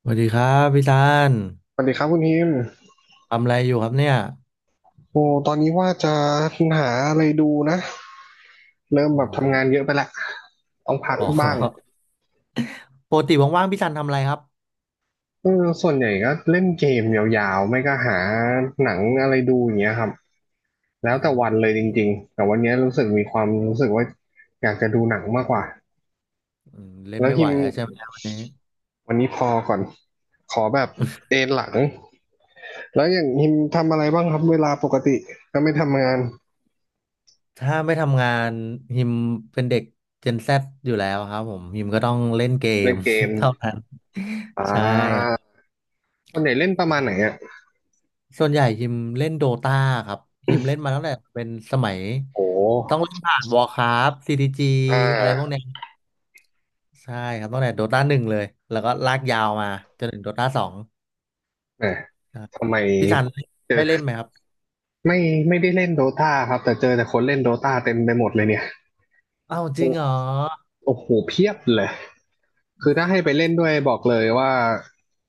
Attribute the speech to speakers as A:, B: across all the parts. A: สวัสดีครับพี่ซัน
B: สวัสดีครับคุณพิมพ์
A: ทำอะไรอยู่ครับเนี่ย
B: โอ้ตอนนี้ว่าจะหาอะไรดูนะเริ่ม
A: อื
B: แบบทำงา
A: ม
B: นเยอะไปละต้องพัก
A: อ๋
B: บ้าง
A: อ ปกติว่างๆพี่ซันทำอะไรครับ
B: เออส่วนใหญ่ก็เล่นเกมยาวๆไม่ก็หาหนังอะไรดูอย่างเงี้ยครับแล้
A: อื
B: วแต่วันเลยจ
A: ม
B: ริงๆแต่วันเนี้ยรู้สึกมีความรู้สึกว่าอยากจะดูหนังมากกว่า
A: อืมเล่น
B: แล้ว
A: ไม่
B: พิ
A: ไหว
B: มพ์
A: แล้วใช่ไหมวันนี้
B: วันนี้พอก่อนขอแบบเอนหลังแล้วอย่างพิมพ์ทำอะไรบ้างครับเวลาปกติก็ไม่ทำงาน
A: ถ้าไม่ทำงานฮิมเป็นเด็กเจน Z ซอยู่แล้วครับผมฮิมก็ต้องเล่นเก
B: เล่
A: ม
B: นเกม
A: เท่านั้น
B: อ่
A: ใช่
B: าส่วนใหญ่เล่นประมาณไห
A: ค
B: น
A: รับ
B: อ่ะ
A: ส่วนใหญ่ฮิมเล่นโดตาครับฮิมเล่นมาตั้งแต่เป็นสมัย
B: โอ้
A: ต้องเล่นผ่านวอ r ์คราฟซีดีจี
B: อ่
A: อะไรพวกเนี้
B: า
A: ยใช่ครับตั้งแต่โดตา 1เลยแล้วก็ลากยาวมาจนถึงโดตา 2
B: เออ
A: ครับ
B: ทำไม
A: พี่ทัน
B: เจอ
A: ได้เล่นไหมครับ
B: ไม่ไม่ได้เล่นโดตาครับแต่เจอแต่คนเล่นโดตาเต็มไปหมดเลยเนี่ย
A: อ้าวจริ
B: โอ้
A: งเหรอ
B: โอ้โหเพียบเลยคือถ้าให้ไปเล่นด้วยบอกเลยว่า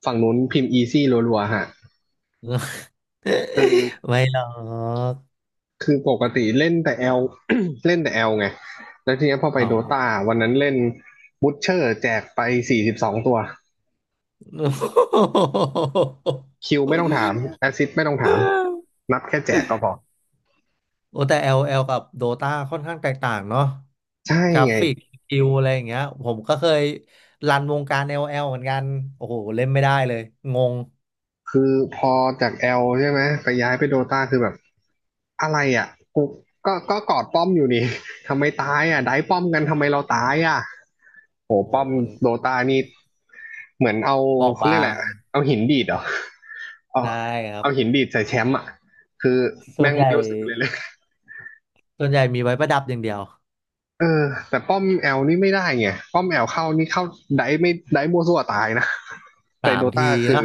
B: ฝั่งนู้นพิมพ์อีซี่รัวๆฮะ
A: ไม่หรอก
B: คือปกติเล่นแต่แอล เล่นแต่แอลไงแล้วทีเนี้ยพอไป
A: อ๋
B: โด
A: อ
B: ตาวันนั้นเล่นบูทเชอร์แจกไป42 ตัว คิวไม่ต้องถามแอสซิสไม่ต้องถามนับแค่แจกก็พอ
A: โอ้แต่ LL กับ Dota ค่อนข้างแตกต่างเนาะ
B: ใช่
A: กรา
B: ไง
A: ฟิกสกิลอะไรอย่างเงี้ยผมก็เคยรันวงการ LL เหมือนกันโอ้โหเล่นไม่ได้เลยงง
B: คือพอจากแอลใช่ไหมไปย้ายไปโดตาคือแบบ อะไรอ่ะกูก็กอดป้อมอยู่นี่ ทำไมตายอ่ะได้ป้อมกันทำไมเราตายอ่ะโห
A: โอ้
B: ป้
A: โห
B: อม
A: มัน
B: โดตานี่เหมือนเอา
A: บอบ
B: เขาเรียก
A: บา
B: อะ
A: ง
B: ไระเอาหินดีดเหรอเอา
A: ใช่ครับ
B: เอาหินดีดใส่แชมป์อ่ะคือ
A: ส่ว
B: แม่
A: น
B: ง
A: ใหญ่
B: ไม่รู้สึกเลย
A: ส่วนใหญ่มีไว้ประดับอย่างเดียว
B: เออแต่ป้อมแอลนี่ไม่ได้ไงป้อมแอลเข้านี่เข้าได้ไม่ได้มัวซั่วตายนะ แต่
A: สา
B: โด
A: มที
B: ตาคือ
A: นะ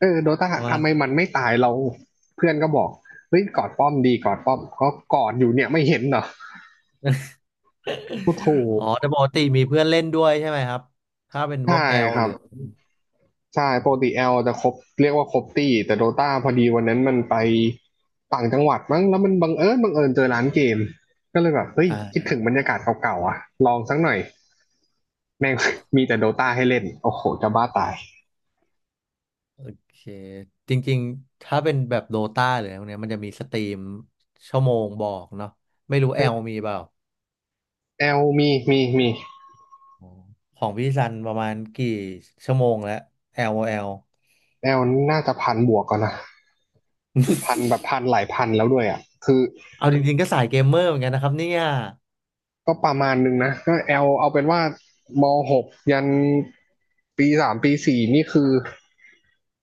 B: เออโดตาทำไมมันไม่ตายเราเพื่อนก็บอกเฮ้ยกอดป้อมดีกอดป้อมก็กอดอยู่เนี่ยไม่เห็นเหรอโอ้โห
A: อ๋อแต่ปกติมีเพื่อนเล่นด้วยใช่ไหมครับถ้าเป็นพ
B: ใช่
A: วกแอล
B: ครั
A: หรื
B: บ
A: อ
B: ใช่ปกติแอลจะครบเรียกว่าครบตี้แต่โดตาพอดีวันนั้นมันไปต่างจังหวัดมั้งแล้วมันบังเอิญเจอร้านเกมก็เลยแบบเฮ้ยคิด
A: อ่า
B: ถึงบรรยากาศเก่าๆอ่ะลองสักหน่อยแม่ง มีแต่โดตาให้เล่นโอ้โหจะบ้าตาย
A: โอเคจริงๆถ้าเป็นแบบโดตาหรืออะไรพวกเนี้ยมันจะมีสตรีมชั่วโมงบอกเนาะไม่รู้แอลมีเปล่า
B: แอลมี
A: อ๋อของพี่ซันประมาณกี่ชั่วโมงแล้วแอลแอล
B: แอลน่าจะพันบวกก่อนนะพันแบบพันหลายพันแล้วด้วยอ่ะคือ
A: เอาจริงๆก็สายเกมเมอร์เหมือนกันนะครับเนี่ย
B: ก็ประมาณนึงนะก็แอลเอาเป็นว่ามหกยันปีสามปีสี่นี่คือ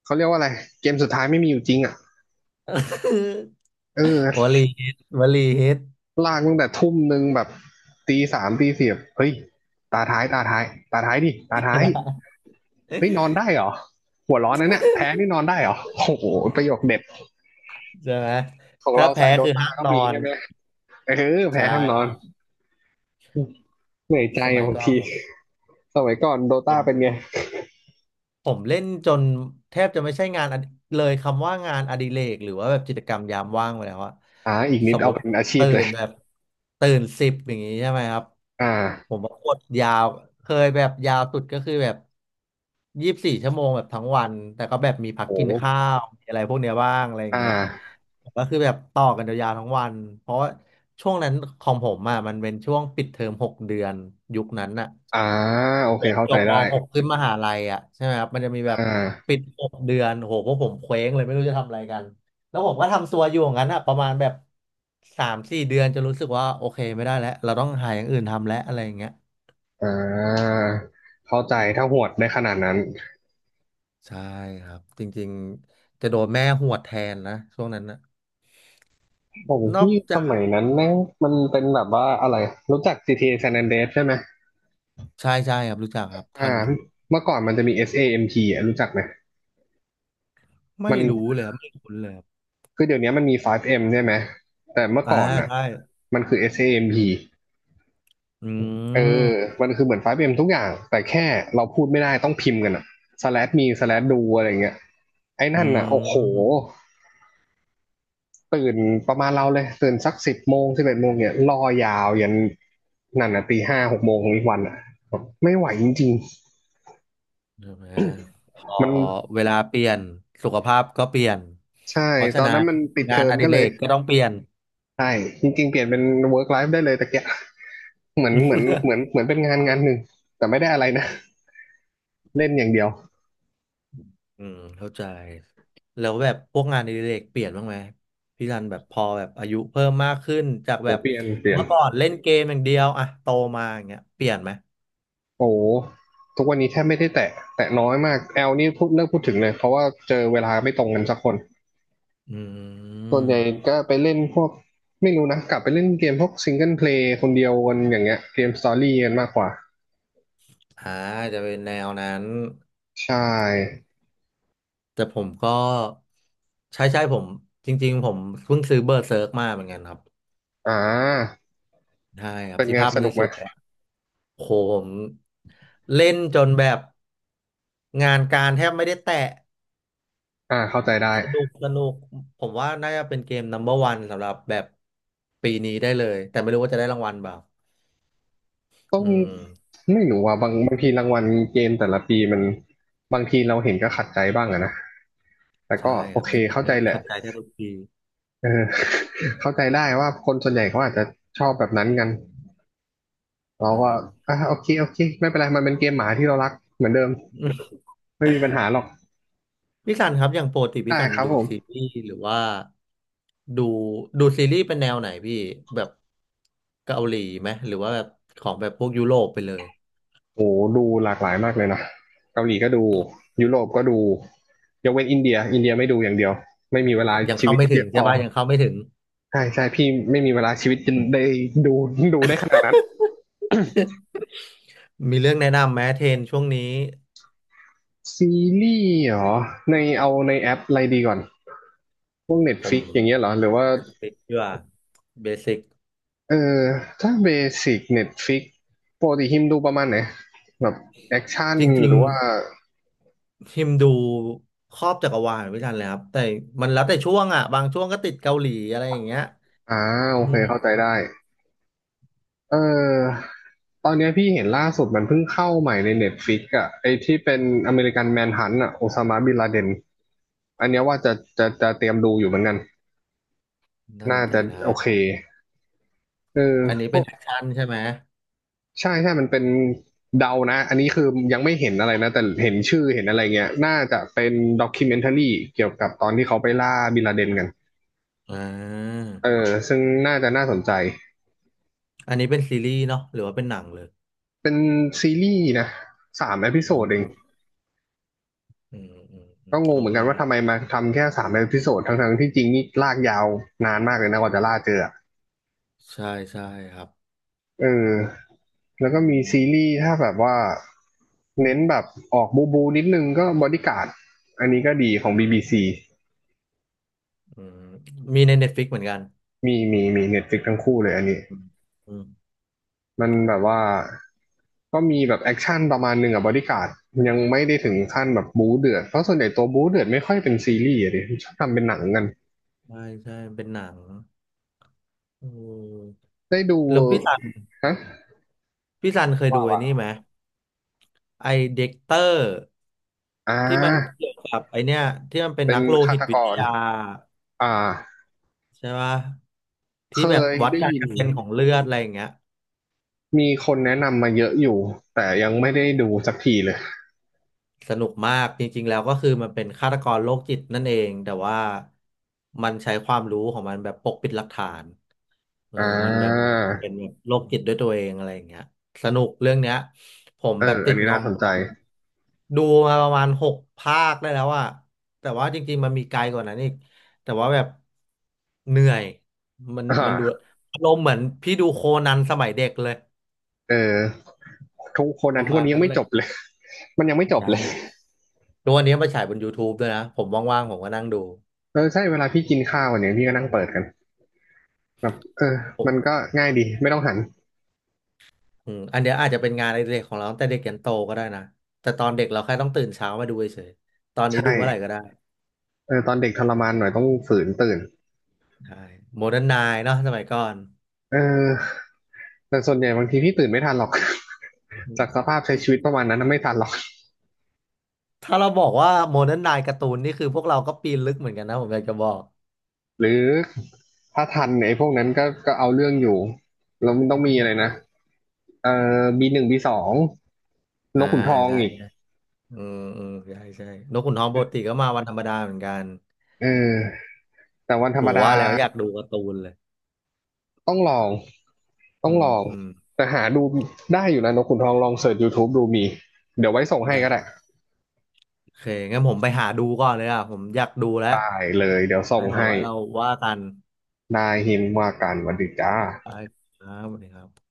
B: เขาเรียกว่าอะไรเกมสุดท้ายไม่มีอยู่จริงอ่ะเอ
A: ว
B: อ
A: ลีฮิตวลีฮิต
B: ลากตั้งแต่ทุ่มหนึ่งแบบตีสามตีสี่บเฮ้ยตาท้ายตาท้ายดิตาท้ายเฮ้ยนอนได้เหรอหัวร้อนนะเนี่ยแพ้นี่นอนได้เหรอโอ้โหประโยคเด็ด
A: ใช่ไหม
B: ของ
A: ถ้า
B: เรา
A: แพ้
B: สายโด
A: คือ
B: ตา
A: ห้าม
B: ก็
A: นอ
B: มี
A: น
B: ใช่ไหมเออแพ้
A: ใช่
B: ห้ามนอ
A: ค
B: น
A: รับ
B: เหนื่อยใจ
A: สมัย
B: บาง
A: ก่อ
B: ที
A: น
B: สมัยก่อนโด
A: ผ
B: ตา
A: มผ
B: เป็
A: ม
B: นไง
A: ผมเล่นจนแทบจะไม่ใช่งานอดิเลยคำว่างานอดิเรกหรือว่าแบบกิจกรรมยามว่างไปแล้วอะ
B: อ่าอีกนิ
A: ส
B: ด
A: มม
B: เอา
A: ติ
B: เป็นอาชีพ
A: ตื่
B: เลย
A: นแบบตื่นสิบอย่างงี้ใช่ไหมครับ
B: อ่
A: ผ
B: า
A: มว่ากดยาวเคยแบบยาวสุดก็คือแบบ24 ชั่วโมงแบบทั้งวันแต่ก็แบบมีพัก
B: โอ้
A: กินข้าวมีอะไรพวกเนี้ยบ้างอะไรอย่า
B: อ่
A: งเงี้ย
B: า
A: ก็คือแบบต่อกันยาวๆทั้งวันเพราะว่าช่วงนั้นของผมอะมันเป็นช่วงปิดเทอมหกเดือนยุคนั้นอะ
B: อ่าโอเคเข้า
A: จ
B: ใจ
A: บม
B: ได้
A: .6 ขึ้นมหาลัยอ่ะใช่ไหมครับมันจะมีแบบ
B: อ่
A: ปิ
B: า
A: ดหกเดือนโหพวกผมเคว้งเลยไม่รู้จะทำอะไรกันแล้วผมก็ทำตัวอยู่อย่างนั้นอ่ะประมาณแบบ3-4 เดือนจะรู้สึกว่าโอเคไม่ได้แล้วเราต้องหาอย่างอื่นทำแล้วอะไรอย่างเงี้ย
B: อ่าเข้าใจถ้าหวดได้ขนาดนั้น
A: ใช่ครับจริงๆจะโดนแม่หวดแทนนะช่วงนั้นนะ
B: ของ
A: นอก
B: พี่ส
A: จาก
B: มัยนั้นแม่งมันเป็นแบบว่าอะไรรู้จัก GTA San Andreas ใช่ไหม
A: ใช่ใช่ครับรู้จักครับทั
B: อ่า
A: นอยู่
B: เมื่อก่อนมันจะมี SAMP อสเอเอ็มพีอ่ะรู้จักไหม
A: ไม่
B: มัน
A: รู้เลยครับไม่คุ้นเลยครับ
B: คือเดี๋ยวนี้มันมี 5M ใช่ไหม แต่เมื่อ
A: อ่า
B: ก่อนอ่ะ
A: ใช่
B: มันคือ SAMP เอเอมพี
A: อื
B: เออ
A: ม
B: มันคือเหมือน 5M ทุกอย่าง แต่แค่เราพูดไม่ได้ต้องพิมพ์กันอ่ะ slash me slash do อะไรเงี้ยไอ้
A: อื
B: นั่นอ่ะโอ้โห
A: ม
B: ตื่นประมาณเราเลย ตื่นสัก10 โมง 11 โมงเนี่ยรอยาวยันนั่นอ่ะตีห้าหกโมงของอีกวันอ่ะไม่ไหวจริง
A: ใช่ไหมพอ
B: ๆมัน
A: เวลาเปลี่ยนสุขภาพก็เปลี่ยน
B: ใช่
A: เพราะ
B: ต
A: ฉะ
B: อน
A: นั้
B: นั้น
A: น
B: มันปิดเท
A: งาน
B: อม
A: อดิ
B: ก็
A: เร
B: เลย
A: กก็ต้องเปลี่ยน
B: ใช่จริงๆเปลี่ยนเป็น work life ได้เลยตะเกียะเหมือนเหมือนเหมือนเหมือนเป็นงานหนึ่งแต่ไม่ได้อะไรนะเล่นอย่างเดียว
A: อืมเข้าใจแล้วแบบพวกงานอดิเรกเปลี่ยนบ้างไหมพี่รันแบบพอแบบอายุเพิ่มมากขึ้นจาก
B: โอ้
A: แบบ
B: เปลี่ยน
A: เมื่อก่อนเล่นเกมอย่างเดียวอะโตมาอย่างเงี้ยเปลี่ยนไหม
B: โอ้ทุกวันนี้แทบไม่ได้แตะแตะน้อยมากแอลนี่พูดเลิกพูดถึงเลยเพราะว่าเจอเวลาไม่ตรงกันสักคน
A: อื
B: ส่วนใหญ่
A: ม
B: ก็ไปเล่นพวกไม่รู้นะกลับไปเล่นเกมพวกซิงเกิลเพลย์คนเดียวกันอย่างเงี้ยเกมสตอรี่กันมากกว่า
A: อ่าจะเป็นแนวนั้น
B: ใช่
A: แต่ผมก็ใช่ใช่ผมจริงๆผมเพิ่งซื้อเบอร์เซิร์กมาเหมือนกันครับ
B: อ่า
A: ใช่ครับ
B: เป็น
A: ที่
B: ไง
A: ภาพ
B: ส
A: มัน
B: นุกไห
A: ส
B: ม
A: วย โหผมเล่นจนแบบงานการแทบไม่ได้แตะ
B: อ่าเข้าใจได้
A: สนุกสนุกผมว่าน่าจะเป็นเกม number one สำหรับแบบปีนี้ได้เลยแต่ไม่รู้ว่าจะได้รางวัลเปล่า
B: ต้อ
A: อื
B: ง
A: ม
B: ไม่รู้อ่ะบางบางทีรางวัลเกมแต่ละปีมันบางทีเราเห็นก็ขัดใจบ้างอะนะแต่
A: ใช่
B: ก็โอ
A: ครับ
B: เค
A: จริง
B: เข้า
A: ๆ
B: ใจ
A: ก็
B: แหละ
A: ขัดใจแทบทุกปี
B: เออ เข้าใจได้ว่าคนส่วนใหญ่เขาอาจจะชอบแบบนั้นกันเรา
A: นะค
B: ก็
A: รับ
B: อ่ะโอเคโอเคไม่เป็นไรมันเป็นเกมหมาที่เรารักเหมือนเดิม ไม่มีปัญหาหรอก
A: พี่สันครับอย่างปกติ
B: ได้
A: พี่สัน
B: ครับ
A: ดู
B: ผ
A: ซี
B: ม
A: รีส์หรือว่าดูดูซีรีส์เป็นแนวไหนพี่แบบเกาหลีไหมหรือว่าแบบของแบบพวกยุโรปไปเลย
B: โอ้ดูหลากหลายมากเลยนะเกาหลีก็ดูยุโรปก็ดูยกเว้นอินเดียอินเดียไม่ดูอย่างเดียวไม่มีเวลา
A: ยัง
B: ชี
A: เข้า
B: วิต
A: ไม่
B: เย
A: ถึง
B: อะพ
A: ใช่
B: อ
A: ปะยังเข้าไม่ถึง
B: ใช่ใช่พี่ไม่มีเวลาชีวิตจนได้ดูดูได้ขนาดนั้น
A: มีเรื่องแนะนำไหมเทรนช่วงนี้
B: ซีรีส์เหรอในเอาในแอปอะไรดีก่อนพวก
A: ผม
B: Netflix อย่างเงี้ยเหรอหรือว่า
A: เบสิกเพื่อเบสิก
B: เออถ้าเบสิก Netflix ปกติฮิมดูประมาณไหนแบบแอคชั่น
A: จริ
B: ห
A: ง
B: รือว่า
A: ๆทิมดูครอบจักรวาลไม่ทันเลยครับแต่มันแล้วแต่ช่วงอ่ะบางช่วงก็ติดเกาหลีอะไรอย่างเงี้ย
B: อ่าโอ
A: อื
B: เคเข้าใจ
A: ม
B: ได้เออตอนเนี้ยพี่เห็นล่าสุดมันเพิ่งเข้าใหม่ใน Netflix อ่ะไอที่เป็นอเมริกันแมนฮันต์อ่ะโอซามาบินลาเดนอันเนี้ยว่าจะจะเตรียมดูอยู่เหมือนกัน
A: น่าส
B: น่า
A: นใจ
B: จะ
A: นะ
B: โอเคเอ
A: อันนี้เป็น
B: อ
A: แอคชั่นใช่ไหม
B: ใช่ใช่มันเป็นเดานะ อันนี้คือยังไม่เห็นอะไรนะ แต่เห็นชื่อเห็นอะไรเงี้ย น่าจะเป็นด็อกคิวเมนท r รีเกี่ยวกับตอนที่เขาไปล่าบินลาเดนกัน
A: อ่า
B: เออซึ่งน่าจะน่าสนใจ
A: อันนี้เป็นซีรีส์เนาะหรือว่าเป็นหนังเลย
B: เป็นซีรีส์นะสามเอพิโซ
A: ผ
B: ดเอง
A: มอืมอืมอื
B: ก็
A: ม
B: งง
A: เข้า
B: เหมือนกัน
A: ท่า
B: ว่าทำไมมาทำแค่สามเอพิโซดทั้งๆที่จริงนี่ลากยาวนานมากเลยนะกว่าจะล่าเจอ
A: ใช่ใช่ครับ
B: เออ แล้ว
A: อื
B: ก็มีซี
A: ม
B: รีส์ถ้าแบบว่าเน้นแบบออกบูบูนิดนึงก็บอดี้การ์ดอันนี้ก็ดีของบีบีซี
A: อืมมีใน Netflix เหมือนกัน
B: มีเน็ตฟลิกทั้งคู่เลยอันนี้
A: อืมอืม
B: มันแบบว่าก็มีแบบแอคชั่นประมาณหนึ่งอะบอดี้การ์ดยังไม่ได้ถึงขั้นแบบบู๊เดือดเพราะส่วนใหญ่ตัวบู๊เดือดไม่ค่อยเป็นซีรีส์อะดิชอบทำเป็นหนังกัน
A: ใช่ใช่เป็นหนังอืม
B: ได้ดู
A: แล้วพี่ซัน
B: ฮะ
A: พี่ซันเคยดู
B: ว่า
A: ไอ้
B: ว่า
A: นี่ไหมไอเด็กเตอร์
B: อ่
A: ที่มัน
B: า
A: เกี่ยวกับไอเนี้ยที่มันเป็น
B: เป็
A: นั
B: น
A: กโล
B: ฆา
A: หิต
B: ต
A: วิ
B: ก
A: ท
B: ร
A: ยา
B: อ่า
A: ใช่ปะ
B: เค
A: ที่แบบ
B: ย
A: วัด
B: ได้
A: การ
B: ยิ
A: ก
B: น
A: ระเซ็นของเลือดอะไรอย่างเงี้ย
B: มีคนแนะนำมาเยอะอยู่แต่ยังไม่ได้ดูสักทีเลย
A: สนุกมากจริงๆแล้วก็คือมันเป็นฆาตกรโรคจิตนั่นเองแต่ว่ามันใช้ความรู้ของมันแบบปกปิดหลักฐานเออ
B: อ่
A: มันแบบ
B: า
A: เป็นแบบโรคจิตด้วยตัวเองอะไรอย่างเงี้ยสนุกเรื่องเนี้ยผม
B: เออ
A: แบบ
B: อั
A: ติ
B: น
A: ด
B: นี้
A: งอ
B: น่าสนใจ
A: มๆดูมาประมาณ6 ภาคได้แล้วอะแต่ว่าจริงๆมันมีไกลกว่านั้นอีกแต่ว่าแบบเหนื่อยมัน
B: อ่
A: มันดู
B: า
A: อารมณ์เหมือนพี่ดูโคนันสมัยเด็กเลย
B: เออทุกคน
A: ป
B: นั้น
A: ระ
B: ทุก
A: มา
B: วั
A: ณ
B: นนี้ยั
A: นั้
B: ง
A: น
B: ไม่
A: เล
B: จ
A: ย
B: บเลย มันยังไม่จบ
A: ยั
B: เล
A: ง
B: ย
A: ทุกวันนี้มาฉายบน YouTube ด้วยนะผมว่างๆผมก็นั่งดู
B: เออใช่เวลาพี่กินข้าวเนี่ยพี่ก็นั่งเปิดกันแบบเออ
A: ผม
B: มันก็ง่ายดีไม่ต้องหัน
A: อืมอันเนี้ยอาจจะเป็นงานในเด็กของเราตั้งแต่เด็กยันโตก็ได้นะแต่ตอนเด็กเราแค่ต้องตื่นเช้ามาดูเฉยๆตอน
B: ใช
A: นี้ดูเมื่อไหร่
B: ่
A: ก็ได้
B: เออตอนเด็กทรมานหน่อยต้องฝืนตื่น
A: ใช่โมเดิร์นไนน์เนาะสมัยก่อน
B: เออแต่ส่วนใหญ่บางทีพี่ตื่นไม่ทันหรอก จากสภาพใช้ชีวิตประมาณนั้นนะไม่ทันหรอก
A: ถ้าเราบอกว่าโมเดิร์นไนน์การ์ตูนนี่คือพวกเราก็ปีนลึกเหมือนกันนะผมอยากจะบอก
B: หรือถ้าทันเนี่ยไอ้พวกนั้นก็เอาเรื่องอยู่แล้วมันต้องมีอะไรนะเออบีหนึ่งบีสองน
A: อ่า
B: กขุนทอง
A: ใช่
B: อีก
A: ใช่อืมอืมใช่ใช่นกขุนทองปกติก็มาวันธรรมดาเหมือนกัน
B: เออแต่วันธร
A: โห
B: รมดา
A: ว่าแล้วอยากดูการ์ตูนเลย
B: ต้องลอง ต้
A: อื
B: องล
A: ม
B: อง
A: อืม
B: แต่หาดูได้อยู่นะนกขุนทองลองเสิร์ช YouTube ดูมี เดี๋ยวไว้ส่งให้
A: ได้
B: ก็ได้
A: โอเคงั้นผมไปหาดูก่อนเลยอ่ะผมอยากดูแล้ว
B: ไปเลยเดี๋ยวส่ง
A: งั้นเดี๋ยว
B: ให้
A: ไว้เราว่ากัน
B: นายหินว่าการวันดีจ้า
A: ไปครับสวัสดีครับ